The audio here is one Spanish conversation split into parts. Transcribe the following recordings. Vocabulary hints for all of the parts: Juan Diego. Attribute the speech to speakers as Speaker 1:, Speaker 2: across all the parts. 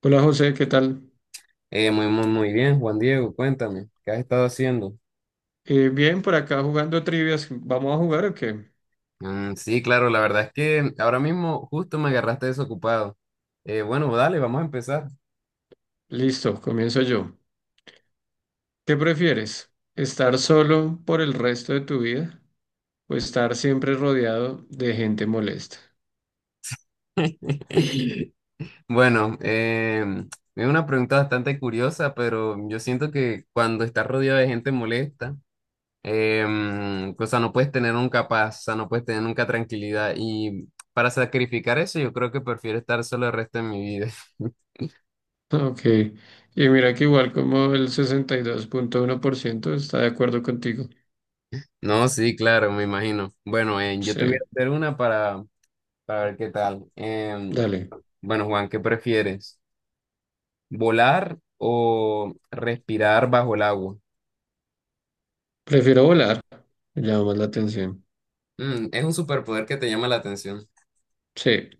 Speaker 1: Hola José, ¿qué tal?
Speaker 2: Muy, muy, muy bien, Juan Diego, cuéntame, ¿qué has estado haciendo?
Speaker 1: Bien, por acá jugando trivias. ¿Vamos a jugar o qué?
Speaker 2: Mm, sí, claro, la verdad es que ahora mismo justo me agarraste desocupado. Bueno, dale, vamos a empezar.
Speaker 1: Listo, comienzo yo. ¿Qué prefieres? ¿Estar solo por el resto de tu vida o estar siempre rodeado de gente molesta?
Speaker 2: Bueno, es una pregunta bastante curiosa, pero yo siento que cuando estás rodeado de gente molesta, o sea, no puedes tener nunca paz, o sea, no puedes tener nunca tranquilidad. Y para sacrificar eso, yo creo que prefiero estar solo el resto de mi vida.
Speaker 1: Ok, y mira que igual como el 62,1% está de acuerdo contigo.
Speaker 2: No, sí, claro, me imagino. Bueno, yo
Speaker 1: Sí,
Speaker 2: te voy a hacer una para ver qué tal.
Speaker 1: dale.
Speaker 2: Bueno, Juan, ¿qué prefieres? ¿Volar o respirar bajo el agua?
Speaker 1: Prefiero volar, me llama más la atención.
Speaker 2: Mm, es un superpoder que te llama la atención.
Speaker 1: Sí.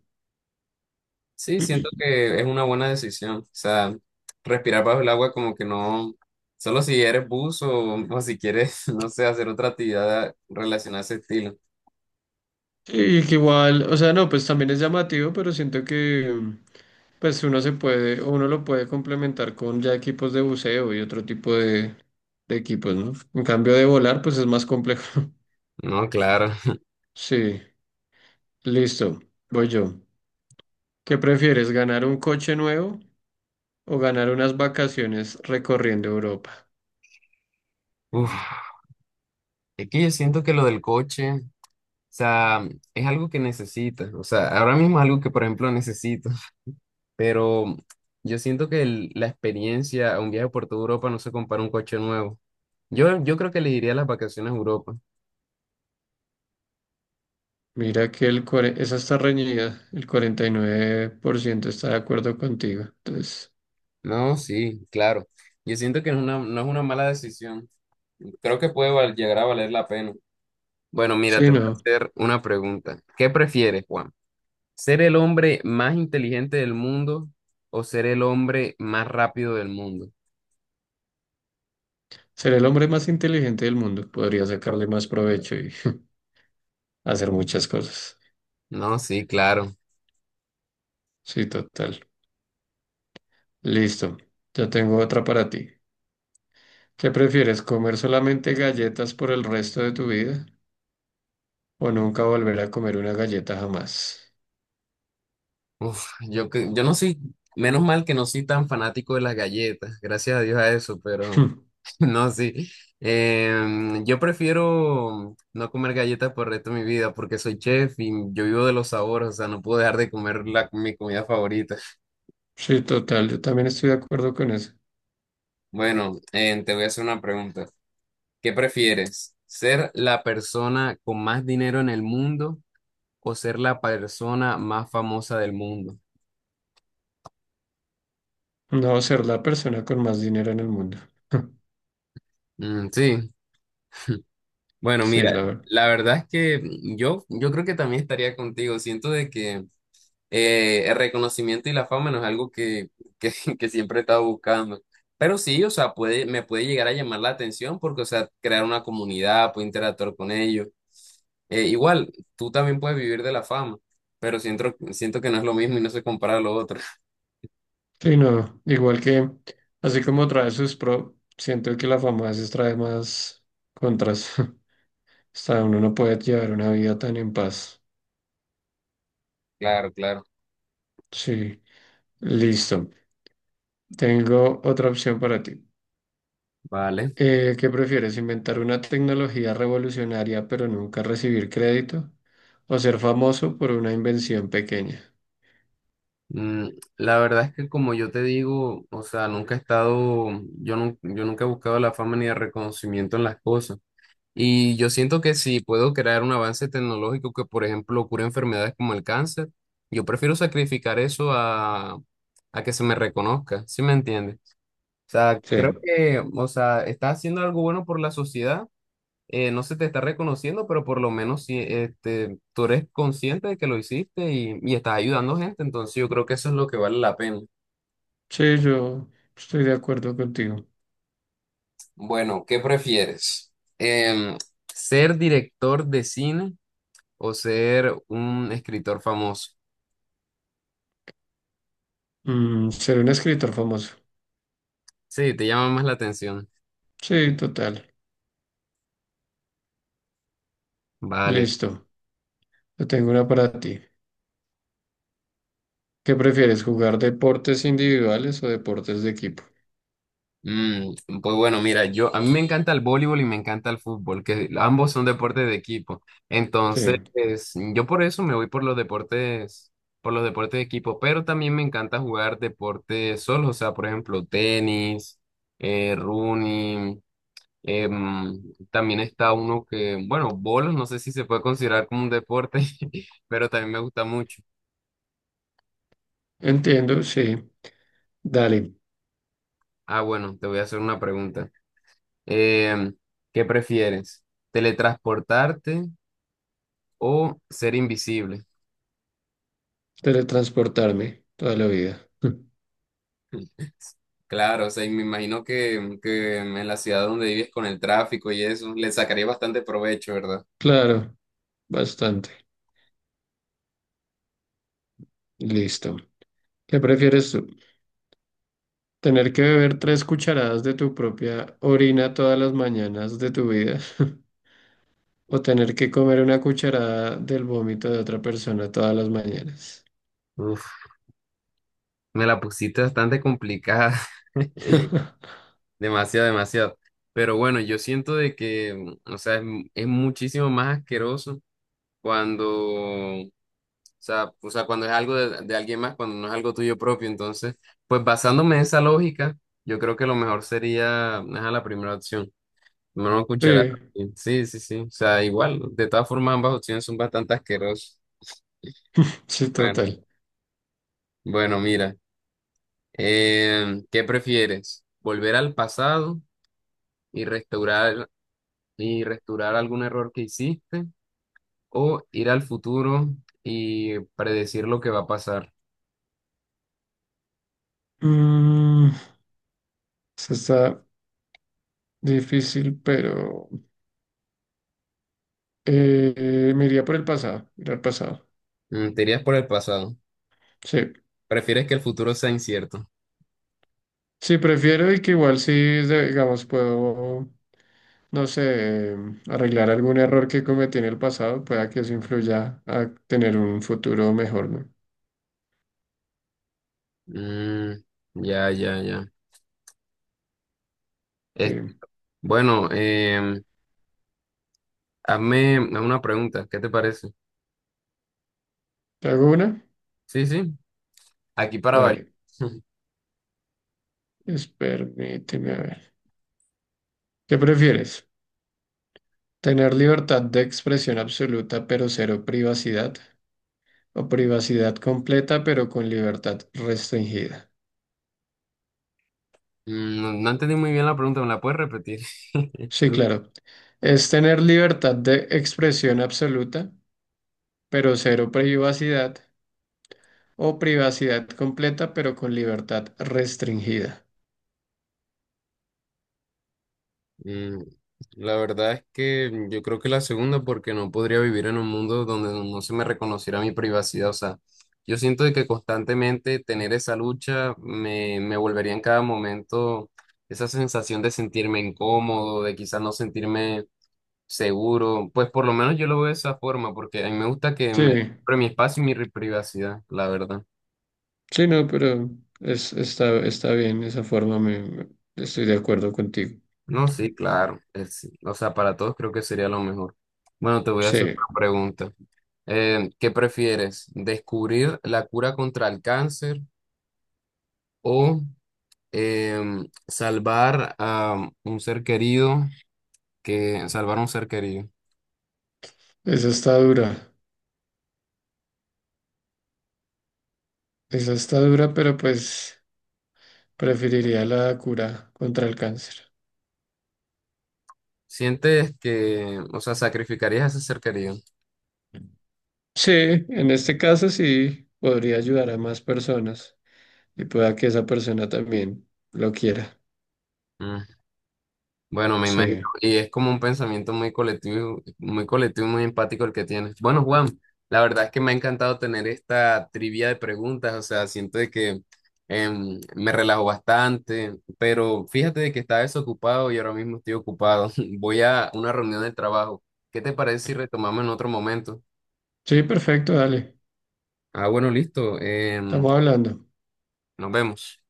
Speaker 2: Sí, siento que es una buena decisión. O sea, respirar bajo el agua como que no, solo si eres buzo o si quieres, no sé, hacer otra actividad relacionada a ese estilo.
Speaker 1: Y que igual, o sea, no, pues también es llamativo, pero siento que... Pues uno se puede, uno lo puede complementar con ya equipos de buceo y otro tipo de equipos, ¿no? En cambio de volar, pues es más complejo.
Speaker 2: No, claro.
Speaker 1: Sí, listo, voy yo. ¿Qué prefieres, ganar un coche nuevo o ganar unas vacaciones recorriendo Europa?
Speaker 2: Uf, es que yo siento que lo del coche, o sea, es algo que necesitas. O sea, ahora mismo es algo que, por ejemplo, necesito, pero yo siento que la experiencia a un viaje por toda Europa no se compara a un coche nuevo. Yo creo que le diría las vacaciones a Europa.
Speaker 1: Mira que esa está reñida, el 49% está de acuerdo contigo. Entonces,
Speaker 2: No, sí, claro. Yo siento que es una, no es una mala decisión. Creo que puede llegar a valer la pena. Bueno, mira,
Speaker 1: sí,
Speaker 2: te voy a
Speaker 1: no,
Speaker 2: hacer una pregunta. ¿Qué prefieres, Juan? ¿Ser el hombre más inteligente del mundo o ser el hombre más rápido del mundo?
Speaker 1: ser el hombre más inteligente del mundo, podría sacarle más provecho y hacer muchas cosas.
Speaker 2: No, sí, claro.
Speaker 1: Sí, total. Listo, ya tengo otra para ti. ¿Qué prefieres, comer solamente galletas por el resto de tu vida o nunca volver a comer una galleta jamás?
Speaker 2: Uf, yo, yo no soy, menos mal que no soy tan fanático de las galletas, gracias a Dios a eso, pero
Speaker 1: Hmm.
Speaker 2: no, sí. Yo prefiero no comer galletas por el resto de mi vida porque soy chef y yo vivo de los sabores, o sea, no puedo dejar de comer la, mi comida favorita.
Speaker 1: Sí, total, yo también estoy de acuerdo con eso.
Speaker 2: Bueno, te voy a hacer una pregunta. ¿Qué prefieres? ¿Ser la persona con más dinero en el mundo o ser la persona más famosa del mundo?
Speaker 1: No ser la persona con más dinero en el mundo.
Speaker 2: Mm, sí. Bueno,
Speaker 1: Sí,
Speaker 2: mira,
Speaker 1: la verdad.
Speaker 2: la verdad es que yo creo que también estaría contigo. Siento de que el reconocimiento y la fama no es algo que, que siempre he estado buscando. Pero sí, o sea, puede, me puede llegar a llamar la atención porque, o sea, crear una comunidad, puedo interactuar con ellos. Igual, tú también puedes vivir de la fama, pero siento que no es lo mismo y no se compara a lo otro.
Speaker 1: Sí, no, igual que, así como trae sus pro, siento que la fama a veces trae más contras. Hasta uno no puede llevar una vida tan en paz.
Speaker 2: Claro, claro.
Speaker 1: Sí, listo. Tengo otra opción para ti.
Speaker 2: Vale.
Speaker 1: ¿Qué prefieres? ¿Inventar una tecnología revolucionaria pero nunca recibir crédito? ¿O ser famoso por una invención pequeña?
Speaker 2: Mm, la verdad es que como yo te digo, o sea, nunca he estado, yo, yo nunca he buscado la fama ni el reconocimiento en las cosas. Y yo siento que si puedo crear un avance tecnológico que, por ejemplo, cure enfermedades como el cáncer, yo prefiero sacrificar eso a que se me reconozca, ¿sí me entiendes? O sea,
Speaker 1: Sí,
Speaker 2: creo que, o sea, estás haciendo algo bueno por la sociedad, no se te está reconociendo, pero por lo menos sí, este, tú eres consciente de que lo hiciste y estás ayudando gente, entonces yo creo que eso es lo que vale la pena.
Speaker 1: sí, yo estoy de acuerdo contigo.
Speaker 2: Bueno, ¿qué prefieres? Em, ¿Ser director de cine o ser un escritor famoso?
Speaker 1: Ser un escritor famoso.
Speaker 2: Sí, te llama más la atención.
Speaker 1: Sí, total.
Speaker 2: Vale.
Speaker 1: Listo. Yo tengo una para ti. ¿Qué prefieres? ¿Jugar deportes individuales o deportes de equipo?
Speaker 2: Mm, pues bueno, mira, yo a mí me encanta el voleibol y me encanta el fútbol, que ambos son deportes de equipo.
Speaker 1: Sí,
Speaker 2: Entonces, pues, yo por eso me voy por los deportes de equipo, pero también me encanta jugar deportes solos, o sea, por ejemplo, tenis, running, también está uno que, bueno, bolos, no sé si se puede considerar como un deporte, pero también me gusta mucho.
Speaker 1: entiendo, sí. Dale,
Speaker 2: Ah, bueno, te voy a hacer una pregunta. Em, ¿Qué prefieres? ¿Teletransportarte o ser invisible?
Speaker 1: teletransportarme toda la vida.
Speaker 2: Claro, o sea, y me imagino que en la ciudad donde vives con el tráfico y eso, le sacaría bastante provecho, ¿verdad?
Speaker 1: Claro, bastante. Listo. ¿Qué prefieres tú? Tener que beber tres cucharadas de tu propia orina todas las mañanas de tu vida. O tener que comer una cucharada del vómito de otra persona todas las mañanas.
Speaker 2: Uf, me la pusiste bastante complicada, demasiado, demasiado. Pero bueno, yo siento de que, mm, o sea, es, es muchísimo más asqueroso cuando, o sea, cuando es algo de alguien más, cuando no es algo tuyo propio. Entonces, pues basándome en esa lógica, yo creo que lo mejor sería, a la primera opción. Una
Speaker 1: Sí,
Speaker 2: cucharada. Sí, sí, sí. O sea, igual. De todas formas, ambas opciones son bastante asquerosas.
Speaker 1: sí,
Speaker 2: Bueno,
Speaker 1: total.
Speaker 2: bueno, mira, ¿qué prefieres? ¿Volver al pasado y restaurar algún error que hiciste? ¿O ir al futuro y predecir lo que va a pasar?
Speaker 1: Mm, eso está difícil, pero me iría por el pasado, ir al pasado.
Speaker 2: Mm, te irías por el pasado.
Speaker 1: Sí.
Speaker 2: ¿Prefieres que el futuro sea incierto?
Speaker 1: Sí, prefiero y que igual sí, digamos, puedo, no sé, arreglar algún error que cometí en el pasado, pueda que eso influya a tener un futuro mejor, ¿no?
Speaker 2: Mm, ya, ya, ya.
Speaker 1: Sí.
Speaker 2: Es- bueno, hazme una pregunta. ¿Qué te parece?
Speaker 1: ¿Te hago una?
Speaker 2: Sí, sí. Aquí para variar.
Speaker 1: Dale. Permíteme a ver. ¿Qué prefieres? ¿Tener libertad de expresión absoluta pero cero privacidad? ¿O privacidad completa pero con libertad restringida?
Speaker 2: Mm, no, no entendí muy bien la pregunta, ¿me la puedes repetir?
Speaker 1: Sí, claro. Es tener libertad de expresión absoluta pero cero privacidad. O privacidad completa, pero con libertad restringida.
Speaker 2: Mm, la verdad es que yo creo que la segunda, porque no podría vivir en un mundo donde no se me reconociera mi privacidad. O sea, yo siento de que constantemente tener esa lucha me, me volvería en cada momento esa sensación de sentirme incómodo, de quizás no sentirme seguro. Pues por lo menos yo lo veo de esa forma, porque a mí me gusta que
Speaker 1: Sí,
Speaker 2: me... Pero mi espacio y mi privacidad, la verdad.
Speaker 1: sí, no, pero está bien esa forma, estoy de acuerdo contigo.
Speaker 2: No, sí, claro. O sea, para todos creo que sería lo mejor. Bueno, te voy a hacer
Speaker 1: Sí,
Speaker 2: una pregunta. ¿Qué prefieres? ¿Descubrir la cura contra el cáncer o salvar a un ser querido que salvar a un ser querido?
Speaker 1: esa está dura, esa está dura, pero pues preferiría la cura contra el cáncer.
Speaker 2: ¿Sientes que, o sea, sacrificarías a ese ser querido?
Speaker 1: Sí, en este caso sí, podría ayudar a más personas y pueda que esa persona también lo quiera.
Speaker 2: Bueno, me imagino.
Speaker 1: Sí,
Speaker 2: Y es como un pensamiento muy colectivo y muy empático el que tienes. Bueno, Juan, la verdad es que me ha encantado tener esta trivia de preguntas. O sea, siento de que me relajo bastante, pero fíjate de que estaba desocupado y ahora mismo estoy ocupado. Voy a una reunión del trabajo. ¿Qué te parece si retomamos en otro momento?
Speaker 1: sí, perfecto, dale,
Speaker 2: Ah, bueno, listo.
Speaker 1: estamos hablando.
Speaker 2: Nos vemos.